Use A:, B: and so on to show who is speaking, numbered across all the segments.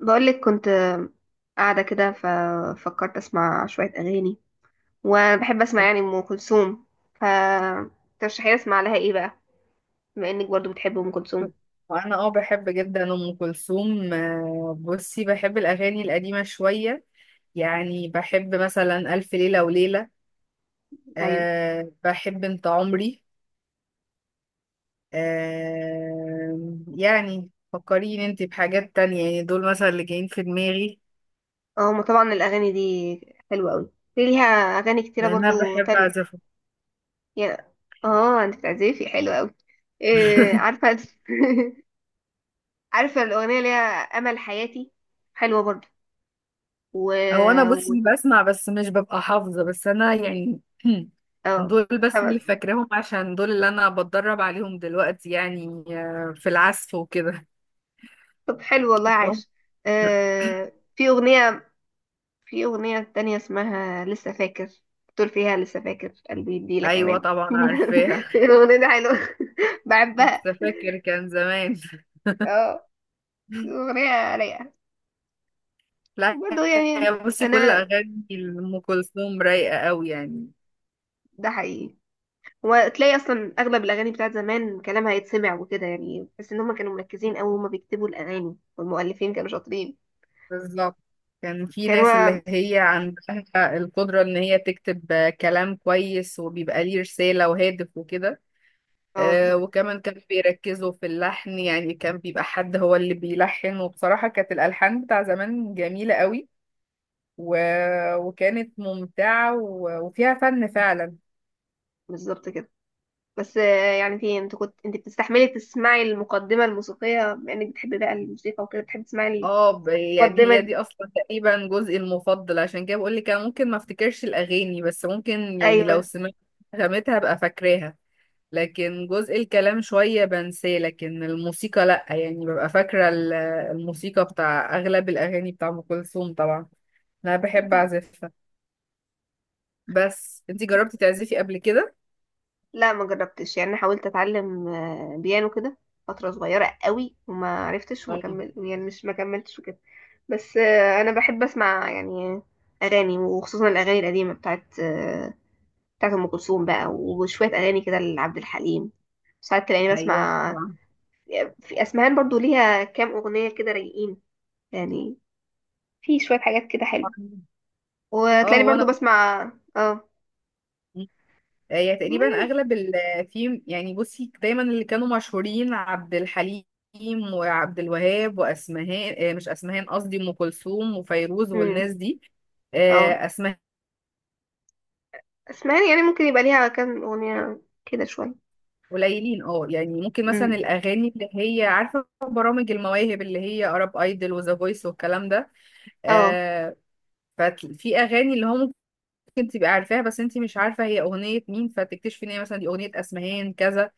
A: بقولك كنت قاعدة كده، ففكرت أسمع شوية أغاني. وأنا بحب أسمع يعني أم كلثوم، فترشحي لي أسمع لها إيه بقى بما إنك برضو بتحب أم كلثوم؟
B: وانا بحب جدا ام كلثوم بصي بحب الاغاني القديمه شويه. يعني بحب مثلا الف ليله وليله.
A: أيوة.
B: أه بحب انت عمري. أه يعني فكريني انت بحاجات تانية، يعني دول مثلا اللي جايين في دماغي
A: هما طبعا الأغاني دي حلوة أوي، في ليها أغاني كتيرة
B: لان انا
A: برضو
B: بحب
A: تانية.
B: اعزفهم.
A: يا، أنت بتعزفي حلوة أوي. إيه عارفة عارفة الأغنية اللي هي أمل حياتي؟ حلوة برضو و,
B: هو انا بصي
A: و...
B: بسمع بس مش ببقى حافظه، بس انا يعني
A: آه
B: دول بس
A: طب،
B: اللي فاكراهم عشان دول اللي انا بتدرب عليهم دلوقتي، يعني في العزف وكده.
A: طب، حلو والله، عاش. آه، في أغنية في أغنية تانية اسمها لسه فاكر، بتقول فيها: لسه فاكر قلبي يديلك
B: ايوه
A: أمان.
B: طبعا عارفاها.
A: الأغنية دي حلوة. بحبها.
B: لسه فاكر كان زمان.
A: اه، الأغنية رايقة
B: لا.
A: برضه
B: يا
A: يعني.
B: بصي كل
A: أنا.
B: اغاني ام كلثوم رايقه قوي يعني.
A: ده حقيقي، وتلاقي أصلا أغلب الأغاني بتاعت زمان كلامها يتسمع وكده يعني، بس إن هما كانوا مركزين أوي، هما بيكتبوا الأغاني، والمؤلفين كانوا شاطرين.
B: بالظبط، كان في ناس
A: كانوا.
B: اللي هي عندها القدره ان هي تكتب كلام كويس وبيبقى ليه رساله وهادف وكده.
A: اه، بالظبط.
B: وكمان كانوا بيركزوا في اللحن، يعني كان بيبقى حد هو اللي بيلحن وبصراحه كانت الالحان بتاع زمان جميله قوي و... وكانت ممتعه وفيها فن فعلا.
A: بالظبط كده. بس، يعني، انت بتستحملي تسمعي المقدمة الموسيقية، بما انك بتحبي بقى الموسيقى وكده بتحبي تسمعي؟
B: يعني هي
A: المقدمة،
B: دي اصلا تقريبا جزئي المفضل، عشان كده بقول لك انا ممكن ما افتكرش الاغاني بس ممكن يعني
A: ايوه.
B: لو سمعت نغمتها ابقى فاكراها. لكن جزء الكلام شوية بنساه، لكن الموسيقى لا، يعني ببقى فاكرة الموسيقى بتاع اغلب الاغاني بتاع ام كلثوم طبعا. انا بحب
A: أكيد.
B: اعزفها. بس انتي جربتي تعزفي قبل كده؟
A: لا، ما جربتش يعني، حاولت اتعلم بيانو كده فتره صغيره قوي، وما عرفتش، وما
B: أيوة،
A: كمل يعني مش ما كملتش وكده. بس، انا بحب اسمع يعني اغاني، وخصوصا الاغاني القديمه بتاعت ام كلثوم بقى، وشويه اغاني كده لعبد الحليم. ساعات تلاقيني
B: ايوه
A: بسمع.
B: طبعاً.
A: في اسمهان برضو ليها كام اغنيه كده رايقين يعني، في شويه حاجات كده حلوه.
B: اه
A: وتلاقيني
B: هو
A: برضو
B: انا
A: بسمع. اه.
B: هي
A: ما
B: تقريبا
A: يعني-
B: اغلب ال في، يعني بصي دايما اللي كانوا مشهورين عبد الحليم وعبد الوهاب واسمهان، مش اسمهان، قصدي ام كلثوم وفيروز
A: مم.
B: والناس دي.
A: اه،
B: اسماء
A: اسمعني يعني، ممكن يبقى ليها كام اغنية كده شوية.
B: قليلين. اه يعني ممكن مثلا
A: امم.
B: الاغاني اللي هي عارفه برامج المواهب اللي هي ارب ايدل وذا فويس والكلام ده.
A: اه.
B: آه، ففي اغاني اللي هو ممكن تبقى عارفاها بس انت مش عارفة هي أغنية مين، فتكتشفي ان هي مثلا دي أغنية أسمهان كذا.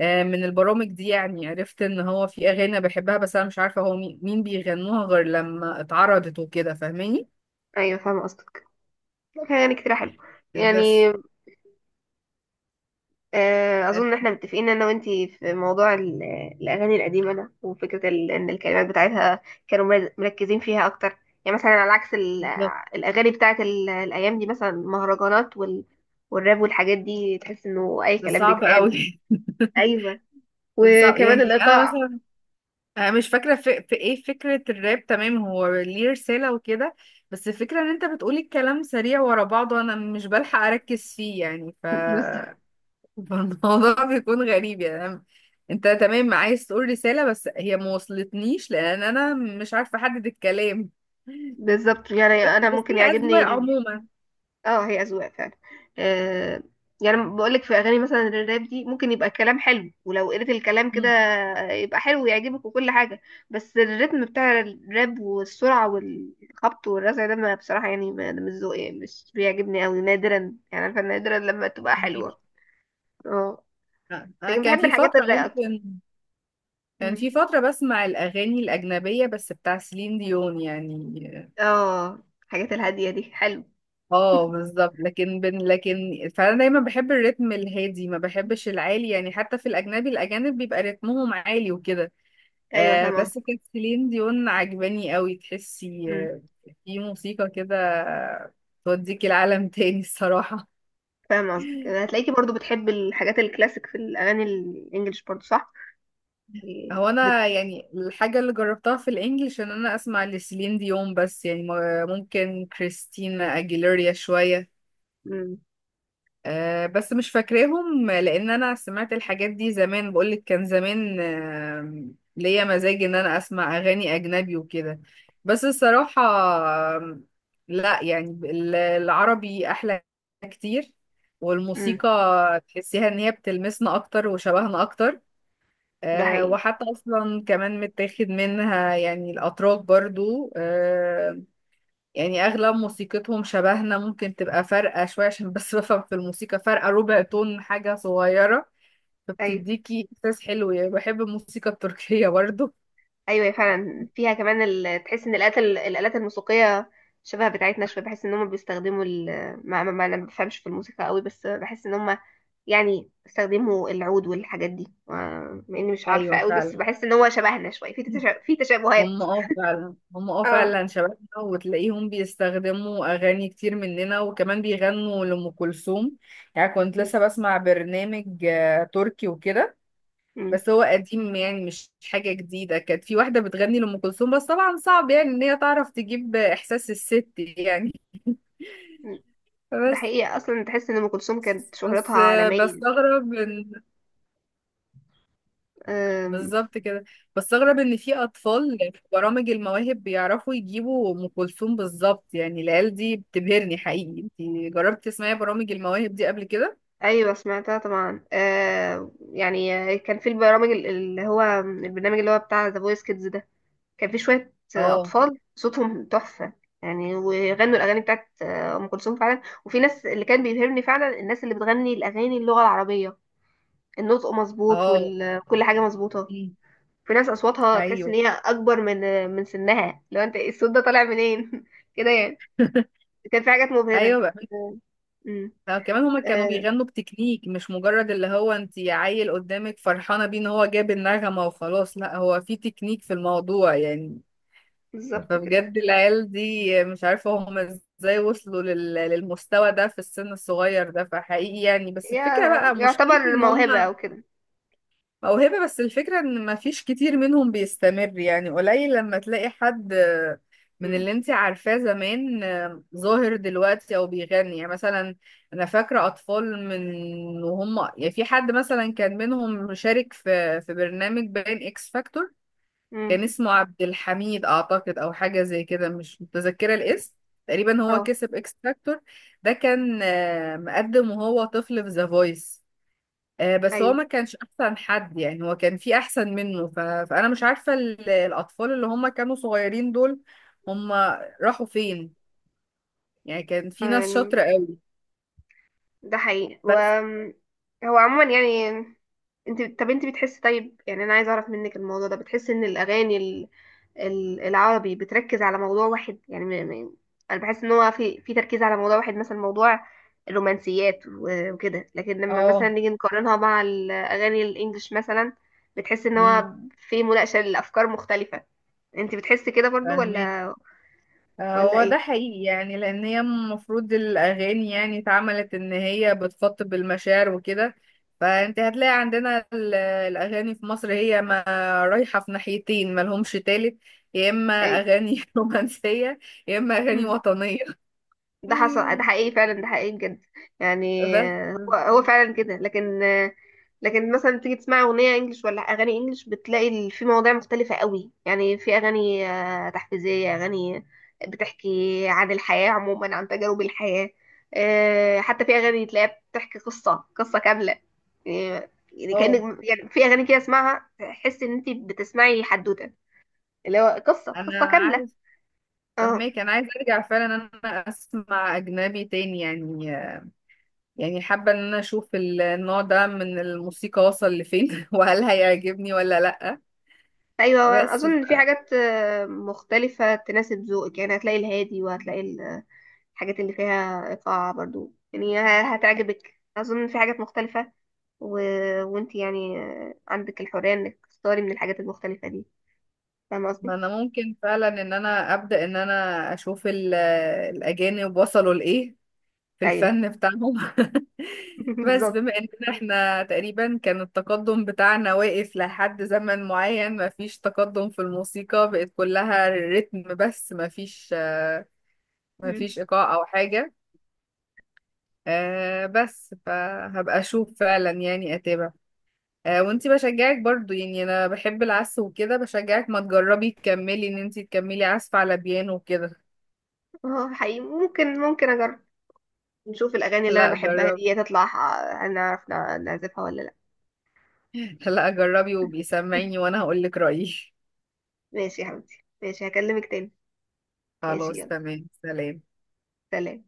B: من البرامج دي يعني عرفت ان هو في أغاني أنا بحبها بس انا مش عارفة هو مين مين بيغنوها غير لما اتعرضت وكده، فاهماني.
A: ايوه، فاهمة قصدك. كان يعني كتير حلو
B: بس
A: يعني.
B: آه،
A: اظن ان احنا متفقين انا وانتي في موضوع الاغاني القديمة ده، وفكرة ان الكلمات بتاعتها كانوا مركزين فيها اكتر، يعني مثلا على عكس
B: بالظبط،
A: الاغاني بتاعت الايام دي، مثلا المهرجانات والراب والحاجات دي، تحس انه اي
B: ده
A: كلام
B: صعب
A: بيتقال.
B: قوي.
A: ايوه،
B: ده صعب،
A: وكمان
B: يعني انا
A: الايقاع.
B: مثلا انا مش فاكرة في ايه فكرة الراب، تمام هو ليه رسالة وكده، بس الفكرة ان انت بتقولي الكلام سريع ورا بعضه انا مش بلحق اركز فيه، يعني ف
A: بالظبط.
B: فالموضوع بيكون غريب، يعني أنا- انت تمام عايز تقول رسالة بس هي ما وصلتنيش لان انا مش عارفة احدد الكلام.
A: بالظبط يعني،
B: بس
A: انا
B: بس
A: ممكن
B: هي اذواق
A: يعجبني.
B: عموما.
A: اه، هي اذواق فعلا. آه يعني بقول لك، في اغاني مثلا الراب دي ممكن يبقى الكلام حلو، ولو قريت الكلام كده
B: مم.
A: يبقى حلو ويعجبك وكل حاجه. بس الريتم بتاع الراب والسرعه والخبط والرزع ده، ما بصراحه يعني، ما ده مش ذوقي يعني، مش بيعجبني قوي، نادرا يعني، عارفه نادرا لما تبقى
B: فهمك.
A: حلوه. اه،
B: انا
A: لكن
B: كان
A: بحب
B: في
A: الحاجات
B: فترة
A: الرايقه اكتر.
B: ممكن كان
A: أمم.
B: في فترة بسمع الاغاني الاجنبية بس بتاع سيلين ديون يعني.
A: اه، الحاجات الهاديه دي حلو.
B: اه بالظبط، لكن فانا دايما بحب الريتم الهادي ما بحبش العالي، يعني حتى في الاجنبي الاجانب بيبقى رتمهم عالي وكده.
A: ايوه،
B: آه
A: فاهمه
B: بس
A: قصدك.
B: كانت سيلين ديون عجباني قوي، تحسي
A: أمم،
B: في موسيقى كده توديكي العالم تاني الصراحة.
A: فاهمه قصدك، هتلاقيكي برضو بتحب الحاجات الكلاسيك في الاغاني الانجليش برضو،
B: هو أنا
A: صح؟
B: يعني الحاجة اللي جربتها في الإنجليش إن أنا أسمع لسيلين ديون بس، يعني ممكن كريستينا أجيليريا شوية.
A: امم.
B: بس مش فاكراهم لان انا سمعت الحاجات دي زمان، بقولك كان زمان. ليا مزاج ان انا اسمع اغاني اجنبي وكده، بس الصراحة لا يعني العربي احلى كتير.
A: امم،
B: والموسيقى تحسيها ان هي بتلمسنا اكتر وشبهنا اكتر.
A: ده حقيقي.
B: وحتى اصلا كمان متاخد منها، يعني الاتراك برضو يعني اغلب موسيقتهم شبهنا، ممكن تبقى فارقة شوية عشان بس بفهم في الموسيقى فارقة ربع تون، حاجة صغيرة،
A: ايوه،
B: فبتديكي احساس حلو، يعني بحب الموسيقى التركية برضو.
A: ايوه، هي فعلا فيها كمان تحس ان الالات الالات الموسيقيه شبه بتاعتنا شويه. بحس ان هم بيستخدموا ما... ما... ما انا ما بفهمش في الموسيقى قوي، بس بحس ان هم يعني استخدموا العود والحاجات دي مع اني مش عارفه
B: ايوه
A: قوي، بس
B: فعلا
A: بحس ان هو شبهنا شويه في في
B: هم
A: تشابهات.
B: اه فعلا هم اه
A: اه.
B: فعلا شبابنا، وتلاقيهم بيستخدموا اغاني كتير مننا وكمان بيغنوا لأم كلثوم. يعني كنت لسه بسمع برنامج تركي وكده،
A: امم،
B: بس هو قديم يعني مش حاجة جديدة. كانت في واحدة بتغني لأم كلثوم، بس طبعا صعب يعني إن هي تعرف تجيب إحساس الست يعني.
A: ده
B: بس
A: حقيقي، اصلا تحس ان ام كلثوم كانت شهرتها
B: بس
A: عالميه.
B: بستغرب إن
A: أم...
B: بالظبط كده. بستغرب إن في أطفال في برامج المواهب بيعرفوا يجيبوا أم كلثوم بالظبط، يعني العيال دي بتبهرني حقيقي. أنتي جربتي تسمعي برامج المواهب دي قبل كده؟
A: ايوه، سمعتها طبعا، يعني كان في اللي هو البرنامج اللي هو بتاع ذا فويس كيدز ده، كان في شويه
B: اه،
A: اطفال صوتهم تحفه. يعني وغنوا الاغاني بتاعت ام كلثوم فعلا، وفي ناس اللي كان بيبهرني فعلا الناس اللي بتغني الاغاني اللغه العربيه، النطق مظبوط
B: اه،
A: وكل حاجه مظبوطه.
B: أمم،
A: في ناس اصواتها تحس ان
B: أيوه.
A: هي اكبر من سنها، لو انت إيه الصوت ده طالع منين؟ كده يعني. كان في حاجات مبهره.
B: ايوه.
A: آه، أمم،
B: لا كمان هما كانوا
A: آه،
B: بيغنوا بتكنيك، مش مجرد اللي هو انت عيل قدامك فرحانة بيه ان هو جاب النغمة وخلاص، لا هو في تكنيك في الموضوع يعني.
A: بالظبط كده.
B: فبجد العيال دي مش عارفة هما ازاي وصلوا للمستوى ده في السن الصغير ده، فحقيقي يعني. بس الفكرة بقى مشكلتي
A: يعتبر
B: ان
A: موهبة
B: هما
A: أو كده.
B: موهبة، بس الفكرة ان مفيش كتير منهم بيستمر، يعني قليل لما تلاقي حد من
A: مم.
B: اللي انت عارفاه زمان ظاهر دلوقتي او بيغني. يعني مثلا انا فاكرة اطفال من وهم، يعني في حد مثلا كان منهم مشارك في برنامج باين اكس فاكتور،
A: مم.
B: كان اسمه عبد الحميد اعتقد او حاجة زي كده، مش متذكرة الاسم. تقريبا هو
A: اه.
B: كسب اكس فاكتور. ده كان مقدم وهو طفل في ذا فويس. بس هو
A: أيوه.
B: ما كانش احسن حد يعني، هو كان في احسن منه فانا مش عارفة الاطفال اللي هم كانوا صغيرين دول هم راحوا فين، يعني كان في ناس
A: يعني،
B: شاطرة قوي.
A: ده حقيقي.
B: بس
A: هو عموما يعني، انت بتحس، طيب يعني انا عايزه اعرف منك، الموضوع ده بتحس ان الاغاني العربي بتركز على موضوع واحد يعني انا بحس ان هو في تركيز على موضوع واحد، مثلا موضوع الرومانسيات وكده، لكن لما مثلا
B: اه،
A: نيجي نقارنها مع الاغاني الانجليش مثلا، بتحس ان
B: امم،
A: هو في مناقشه لافكار مختلفه. انت بتحس كده برضو،
B: فاهمين.
A: ولا؟ ولا
B: هو
A: ايه؟
B: ده حقيقي يعني لان هي المفروض الاغاني يعني اتعملت ان هي بتخاطب المشاعر وكده، فانت هتلاقي عندنا الاغاني في مصر هي ما رايحة في ناحيتين ما لهمش تالت، يا اما
A: اي.
B: اغاني رومانسية يا اما اغاني وطنية.
A: ده حقيقي فعلا، ده حقيقي بجد. يعني،
B: بس
A: هو فعلا كده، لكن، لكن مثلا تيجي تسمع اغنيه انجلش ولا اغاني انجلش، بتلاقي في مواضيع مختلفه قوي يعني. في اغاني تحفيزيه، اغاني بتحكي عن الحياه عموما، عن تجارب الحياه. حتى في اغاني تلاقيها بتحكي قصه كامله. يعني،
B: اه،
A: كأنك يعني، في اغاني كده اسمعها تحس ان انت بتسمعي حدوته، اللي هو
B: انا
A: قصه كامله.
B: عايز
A: اه.
B: فهماك، انا عايز ارجع فعلا ان انا اسمع اجنبي تاني، يعني يعني حابه ان انا اشوف النوع ده من الموسيقى وصل لفين وهل هيعجبني ولا لا.
A: ايوه،
B: بس
A: اظن ان في
B: ف-
A: حاجات مختلفه تناسب ذوقك، يعني هتلاقي الهادي، وهتلاقي الحاجات اللي فيها ايقاع برضو، يعني هتعجبك. اظن إن في حاجات مختلفه. و... وانت يعني عندك الحريه انك تختاري من الحاجات المختلفه دي، فاهمه
B: ما
A: قصدي؟
B: انا ممكن فعلا ان انا ابدا ان انا اشوف الاجانب وصلوا لايه في
A: ايوه،
B: الفن بتاعهم. بس بما
A: بالظبط.
B: اننا احنا تقريبا كان التقدم بتاعنا واقف لحد زمن معين، مفيش تقدم في الموسيقى، بقت كلها رتم بس مفيش
A: مم.
B: مفيش ايقاع او حاجة. بس فهبقى اشوف فعلا يعني اتابع. وانتي بشجعك برضو، يعني انا بحب العزف وكده، بشجعك ما تجربي تكملي، ان انتي تكملي عزف على بيانو وكده.
A: اه، حقيقي، ممكن اجرب. نشوف الاغاني اللي انا
B: لا
A: بحبها
B: جربي،
A: دي تطلع هنعرف نعزفها ولا لا؟
B: لا جربي وبيسمعيني وانا هقولك رأيي.
A: ماشي يا حبيبتي، ماشي، هكلمك تاني. ماشي،
B: خلاص
A: يلا،
B: تمام، سلام.
A: سلام.